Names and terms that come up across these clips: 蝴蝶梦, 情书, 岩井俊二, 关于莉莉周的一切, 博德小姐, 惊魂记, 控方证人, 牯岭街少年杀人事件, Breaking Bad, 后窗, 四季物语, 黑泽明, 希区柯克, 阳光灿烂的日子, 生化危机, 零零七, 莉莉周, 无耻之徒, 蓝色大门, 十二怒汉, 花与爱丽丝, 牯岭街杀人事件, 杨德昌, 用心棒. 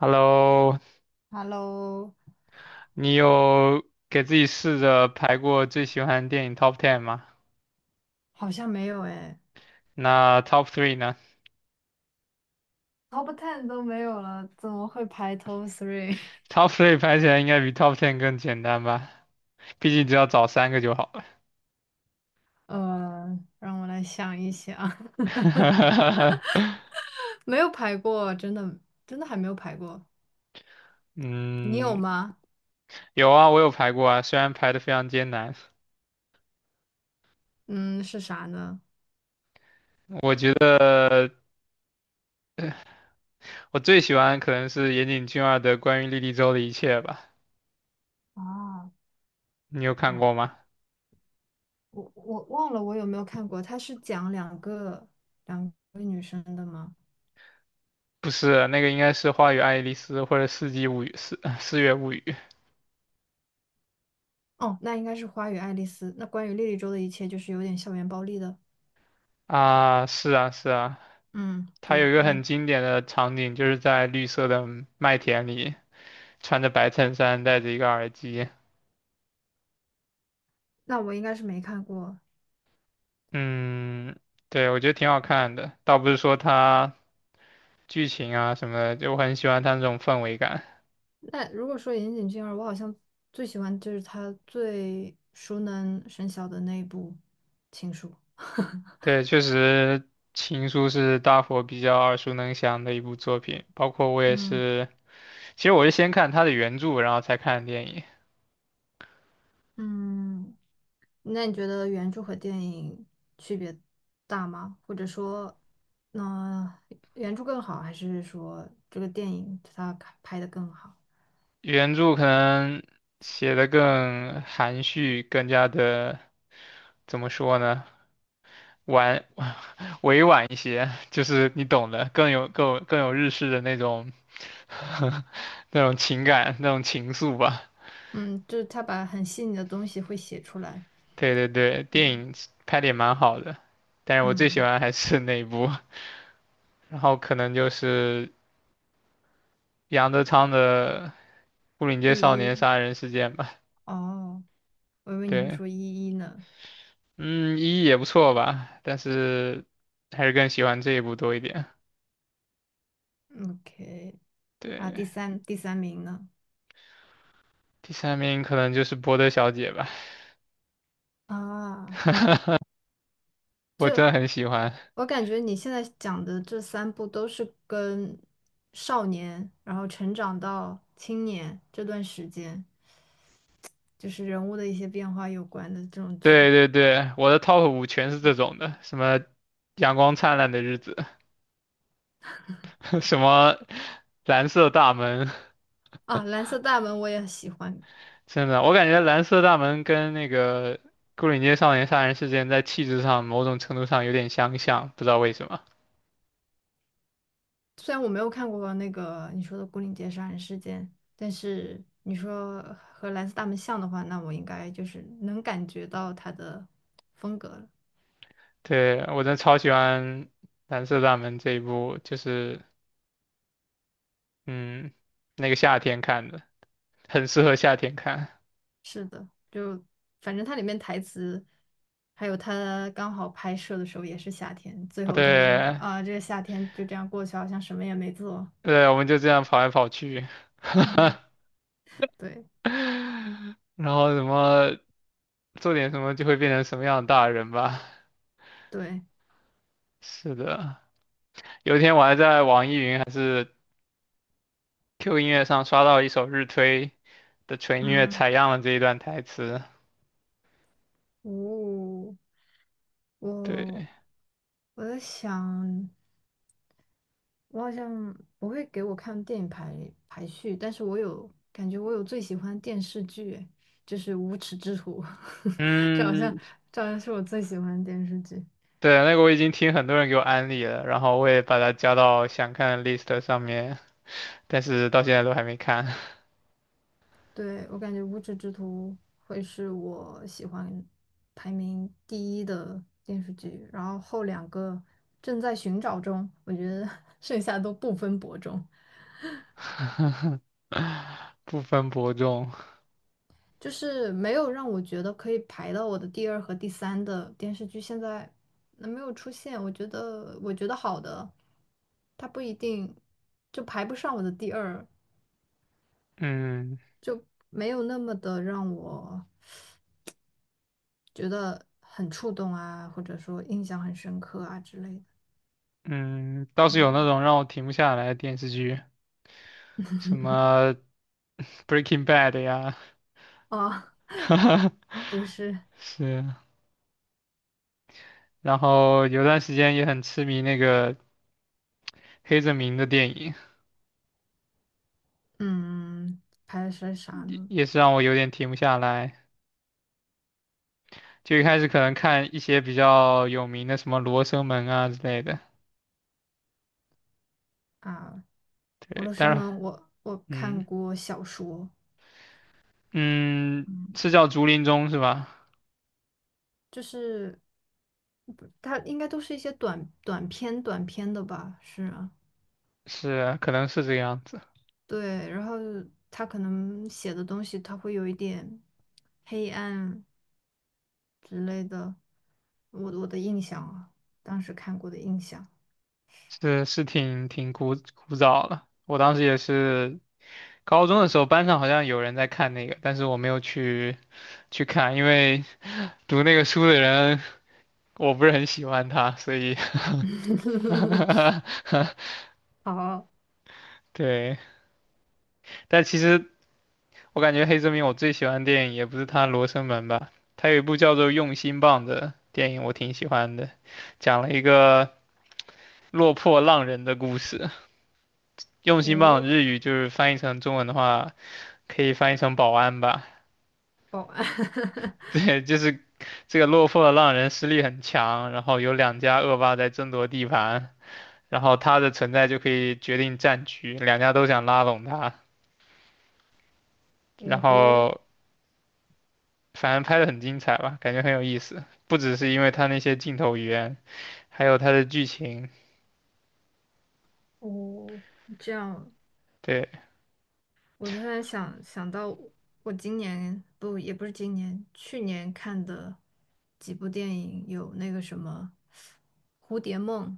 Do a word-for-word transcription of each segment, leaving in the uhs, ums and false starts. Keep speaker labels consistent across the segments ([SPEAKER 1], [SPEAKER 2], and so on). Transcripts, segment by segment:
[SPEAKER 1] Hello，
[SPEAKER 2] Hello，
[SPEAKER 1] 你有给自己试着排过最喜欢的电影 Top Ten 吗？
[SPEAKER 2] 好像没有诶。
[SPEAKER 1] 那 Top Three 呢
[SPEAKER 2] t o p Ten 都没有了，怎么会排 Top Three？
[SPEAKER 1] ？Top Three 排起来应该比 Top Ten 更简单吧？毕竟只要找三个就好了。
[SPEAKER 2] 呃，让我来想一想，没有排过，真的。真的还没有排过，你有
[SPEAKER 1] 嗯，
[SPEAKER 2] 吗？
[SPEAKER 1] 有啊，我有排过啊，虽然排的非常艰难。
[SPEAKER 2] 嗯，是啥呢？
[SPEAKER 1] 我觉得我最喜欢可能是岩井俊二的《关于莉莉周的一切》吧，
[SPEAKER 2] 啊，
[SPEAKER 1] 你有看过
[SPEAKER 2] 啊，
[SPEAKER 1] 吗？
[SPEAKER 2] 我我忘了我有没有看过，它是讲两个两个女生的吗？
[SPEAKER 1] 不是，那个应该是《花与爱丽丝》或者《四季物语》四四月物语》
[SPEAKER 2] 哦，那应该是《花与爱丽丝》。那关于莉莉周的一切，就是有点校园暴力的。
[SPEAKER 1] 啊，是啊，是啊。
[SPEAKER 2] 嗯，
[SPEAKER 1] 他
[SPEAKER 2] 对，
[SPEAKER 1] 有一个
[SPEAKER 2] 那
[SPEAKER 1] 很经典的场景，就是在绿色的麦田里，穿着白衬衫，戴着一个耳机。
[SPEAKER 2] 那我应该是没看过。
[SPEAKER 1] 嗯，对，我觉得挺好看的。倒不是说它剧情啊什么的，就我很喜欢它那种氛围感。
[SPEAKER 2] 那如果说岩井俊二，我好像最喜欢就是他最熟能生巧的那一部《情书》
[SPEAKER 1] 对，确实，《情书》是大伙比较耳熟能详的一部作品，包括我也
[SPEAKER 2] 嗯
[SPEAKER 1] 是。其实我是先看它的原著，然后才看的电影。
[SPEAKER 2] 嗯，那你觉得原著和电影区别大吗？或者说，那、原著更好，还是说这个电影它拍拍的更好？
[SPEAKER 1] 原著可能写的更含蓄，更加的怎么说呢？婉 委婉一些，就是你懂的，更有更有更有日式的那种 那种情感那种情愫吧。
[SPEAKER 2] 嗯，就是他把很细腻的东西会写出来。
[SPEAKER 1] 对对对，电
[SPEAKER 2] 嗯
[SPEAKER 1] 影拍的也蛮好的，但是我最喜
[SPEAKER 2] 嗯，
[SPEAKER 1] 欢还是那一部，然后可能就是杨德昌的《牯岭街少
[SPEAKER 2] 一
[SPEAKER 1] 年
[SPEAKER 2] 一
[SPEAKER 1] 杀人事件》吧。
[SPEAKER 2] 哦，我以为你会
[SPEAKER 1] 对，
[SPEAKER 2] 说一一呢。
[SPEAKER 1] 嗯，一也不错吧，但是还是更喜欢这一部多一点。
[SPEAKER 2] O K，啊，
[SPEAKER 1] 对，
[SPEAKER 2] 第三第三名呢？
[SPEAKER 1] 第三名可能就是《博德小姐》吧，
[SPEAKER 2] 啊，
[SPEAKER 1] 我真
[SPEAKER 2] 就
[SPEAKER 1] 的很喜欢。
[SPEAKER 2] 我感觉你现在讲的这三部都是跟少年，然后成长到青年这段时间，就是人物的一些变化有关的这种
[SPEAKER 1] 对
[SPEAKER 2] 剧。
[SPEAKER 1] 对对，我的 top 五全是这种的，什么阳光灿烂的日子，什么蓝色大门，
[SPEAKER 2] 啊，《蓝色大门》我也喜欢，
[SPEAKER 1] 真的，我感觉蓝色大门跟那个牯岭街少年杀人事件在气质上某种程度上有点相像，不知道为什么。
[SPEAKER 2] 虽然我没有看过那个你说的《牯岭街杀人事件》，但是你说和《蓝色大门》像的话，那我应该就是能感觉到它的风格了。
[SPEAKER 1] 对，我真的超喜欢蓝色大门这一部，就是嗯，那个夏天看的，很适合夏天看。
[SPEAKER 2] 是的，就反正它里面台词，还有他刚好拍摄的时候也是夏天，最
[SPEAKER 1] 哦，
[SPEAKER 2] 后他说
[SPEAKER 1] 对
[SPEAKER 2] 啊，这个夏天就这样过去，好像什么也没做。
[SPEAKER 1] 对，我们就这样跑来跑去。
[SPEAKER 2] 嗯， 对
[SPEAKER 1] 然后什么做点什么就会变成什么样的大人吧。
[SPEAKER 2] 对，
[SPEAKER 1] 是的，有一天我还在网易云还是 Q 音乐上刷到一首日推的纯音乐
[SPEAKER 2] 嗯，
[SPEAKER 1] 采样了这一段台词。
[SPEAKER 2] 哦，
[SPEAKER 1] 对，
[SPEAKER 2] 我我在想，我好像不会给我看电影排排序，但是我有感觉我有最喜欢的电视剧，诶就是《无耻之徒》，这好像
[SPEAKER 1] 嗯，
[SPEAKER 2] 这好像是我最喜欢的电视剧。
[SPEAKER 1] 对，那个我已经听很多人给我安利了，然后我也把它加到想看的 list 上面，但是到现在都还没看，
[SPEAKER 2] 对，我感觉《无耻之徒》会是我喜欢排名第一的电视剧，然后后两个正在寻找中，我觉得 剩下都不分伯仲，
[SPEAKER 1] 不分伯仲。
[SPEAKER 2] 就是没有让我觉得可以排到我的第二和第三的电视剧，现在那没有出现，我觉得我觉得好的，它不一定就排不上我的第二，
[SPEAKER 1] 嗯
[SPEAKER 2] 就没有那么的让我觉得很触动啊，或者说印象很深刻啊之类的。
[SPEAKER 1] 嗯，倒是有那
[SPEAKER 2] 嗯，
[SPEAKER 1] 种让我停不下来的电视剧，什么 《Breaking Bad》呀，
[SPEAKER 2] 哦，
[SPEAKER 1] 哈哈
[SPEAKER 2] 都是
[SPEAKER 1] 是，然后有段时间也很痴迷那个黑泽明的电影，
[SPEAKER 2] 嗯，拍的是啥
[SPEAKER 1] 也
[SPEAKER 2] 呢？
[SPEAKER 1] 也是让我有点停不下来。就一开始可能看一些比较有名的，什么《罗生门》啊之类的。
[SPEAKER 2] 啊，俄
[SPEAKER 1] 对，
[SPEAKER 2] 罗斯
[SPEAKER 1] 但是，
[SPEAKER 2] 吗？我我
[SPEAKER 1] 嗯
[SPEAKER 2] 看过小说，
[SPEAKER 1] 嗯，
[SPEAKER 2] 嗯，
[SPEAKER 1] 是叫竹林中是吧？
[SPEAKER 2] 就是它应该都是一些短短篇、短篇的吧？是啊，
[SPEAKER 1] 是，可能是这个样子。
[SPEAKER 2] 对。然后他可能写的东西，他会有一点黑暗之类的。我我的印象啊，当时看过的印象。
[SPEAKER 1] 是是挺挺古古早了。我当时也是高中的时候，班上好像有人在看那个，但是我没有去去看，因为读那个书的人我不是很喜欢他，所以
[SPEAKER 2] 好，
[SPEAKER 1] 对。但其实我感觉黑泽明我最喜欢的电影也不是他《罗生门》吧，他有一部叫做《用心棒》的电影，我挺喜欢的，讲了一个落魄浪人的故事。用心棒
[SPEAKER 2] 哦，
[SPEAKER 1] 日语就是翻译成中文的话，可以翻译成保安吧。
[SPEAKER 2] 保安，
[SPEAKER 1] 对，就是这个落魄的浪人实力很强，然后有两家恶霸在争夺地盘，然后他的存在就可以决定战局，两家都想拉拢他。然
[SPEAKER 2] 五湖。
[SPEAKER 1] 后反正拍的很精彩吧，感觉很有意思。不只是因为它那些镜头语言，还有它的剧情。
[SPEAKER 2] 哦，这样，
[SPEAKER 1] 对，
[SPEAKER 2] 我突然想想到，我今年不也不是今年，去年看的几部电影，有那个什么《蝴蝶梦》，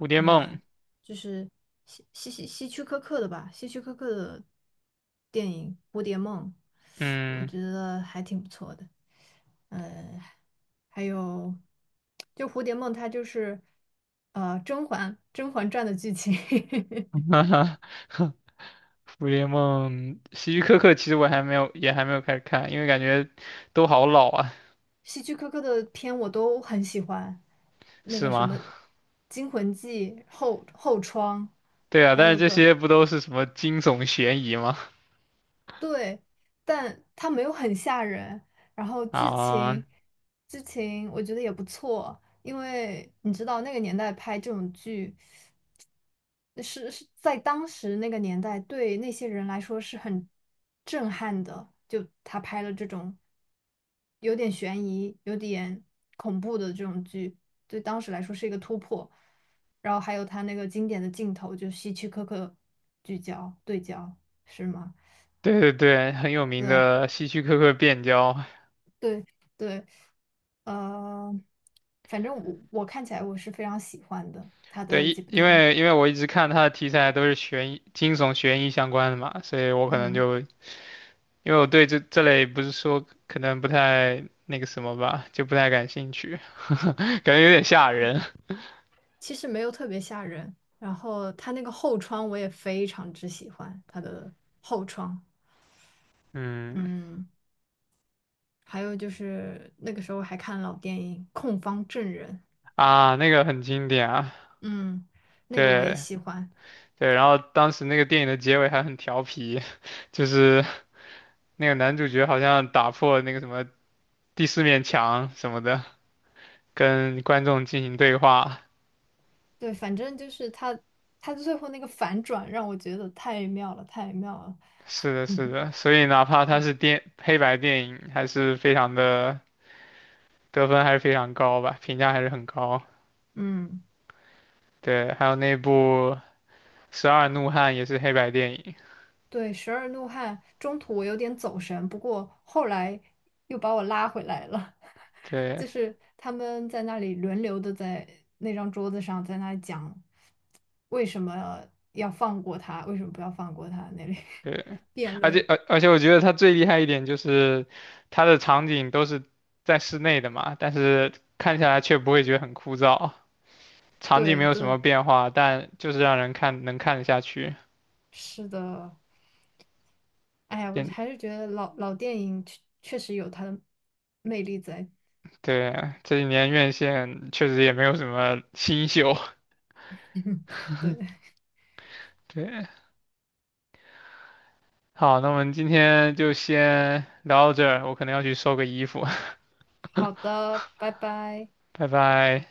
[SPEAKER 1] 《蝴蝶
[SPEAKER 2] 你知道
[SPEAKER 1] 梦》，
[SPEAKER 2] 吧？就是希希希希区柯克的吧，希区柯克的电影《蝴蝶梦》，我
[SPEAKER 1] 嗯，
[SPEAKER 2] 觉得还挺不错的。还有，就《蝴蝶梦》，它就是呃《甄嬛甄嬛传》的剧情。
[SPEAKER 1] 哈哈蝴蝶梦》，希区柯克其实我还没有，也还没有开始看，因为感觉都好老啊，
[SPEAKER 2] 希区柯克的片我都很喜欢，那
[SPEAKER 1] 是
[SPEAKER 2] 个什么
[SPEAKER 1] 吗？
[SPEAKER 2] 《惊魂记》后后窗，
[SPEAKER 1] 对啊，
[SPEAKER 2] 还
[SPEAKER 1] 但是
[SPEAKER 2] 有
[SPEAKER 1] 这
[SPEAKER 2] 个
[SPEAKER 1] 些不都是什么惊悚悬疑吗？
[SPEAKER 2] 对，但它没有很吓人，然后剧
[SPEAKER 1] 啊，
[SPEAKER 2] 情剧情我觉得也不错，因为你知道那个年代拍这种剧。是是在当时那个年代，对那些人来说是很震撼的。就他拍了这种有点悬疑、有点恐怖的这种剧，对当时来说是一个突破。然后还有他那个经典的镜头，就希区柯克聚焦对焦，是吗？
[SPEAKER 1] 对对对，很有名
[SPEAKER 2] 对
[SPEAKER 1] 的希区柯克变焦。
[SPEAKER 2] 对对，呃，反正我我看起来我是非常喜欢的他
[SPEAKER 1] 对，
[SPEAKER 2] 的
[SPEAKER 1] 因
[SPEAKER 2] 几部
[SPEAKER 1] 因
[SPEAKER 2] 电影，
[SPEAKER 1] 为因为我一直看他的题材都是悬疑、惊悚、悬疑相关的嘛，所以我可能
[SPEAKER 2] 嗯。
[SPEAKER 1] 就因为我对这这类不是说可能不太那个什么吧，就不太感兴趣，感觉有点吓人。
[SPEAKER 2] 其实没有特别吓人。然后他那个后窗我也非常之喜欢他的后窗，
[SPEAKER 1] 嗯，
[SPEAKER 2] 嗯，还有就是那个时候还看老电影《控方证人》，
[SPEAKER 1] 啊，那个很经典啊，
[SPEAKER 2] 嗯，那个我也
[SPEAKER 1] 对
[SPEAKER 2] 喜欢。
[SPEAKER 1] 对，然后当时那个电影的结尾还很调皮，就是那个男主角好像打破那个什么第四面墙什么的，跟观众进行对话。
[SPEAKER 2] 对，反正就是他它最后那个反转让我觉得太妙了，太妙了。
[SPEAKER 1] 是的，是的，所以哪怕他是电黑白电影，还是非常的得分还是非常高吧，评价还是很高。
[SPEAKER 2] 嗯，
[SPEAKER 1] 对，还有那部十二怒汉也是黑白电影，
[SPEAKER 2] 对，《十二怒汉》中途我有点走神，不过后来又把我拉回来了。
[SPEAKER 1] 对
[SPEAKER 2] 就是他们在那里轮流的在那张桌子上，在那里讲为什么要放过他，为什么不要放过他那里
[SPEAKER 1] 对，
[SPEAKER 2] 辩
[SPEAKER 1] 而
[SPEAKER 2] 论。
[SPEAKER 1] 且 而而且我觉得它最厉害一点就是它的场景都是在室内的嘛，但是看起来却不会觉得很枯燥，场景没
[SPEAKER 2] 对
[SPEAKER 1] 有什
[SPEAKER 2] 对，
[SPEAKER 1] 么变化，但就是让人看能看得下去。
[SPEAKER 2] 是的。哎呀，我
[SPEAKER 1] 嗯，
[SPEAKER 2] 还是觉得老老电影确确实有它的魅力在。
[SPEAKER 1] 对，这几年院线确实也没有什么新秀。
[SPEAKER 2] 对，
[SPEAKER 1] 对，好，那我们今天就先聊到这儿，我可能要去收个衣服，
[SPEAKER 2] 好的，拜拜。
[SPEAKER 1] 拜拜。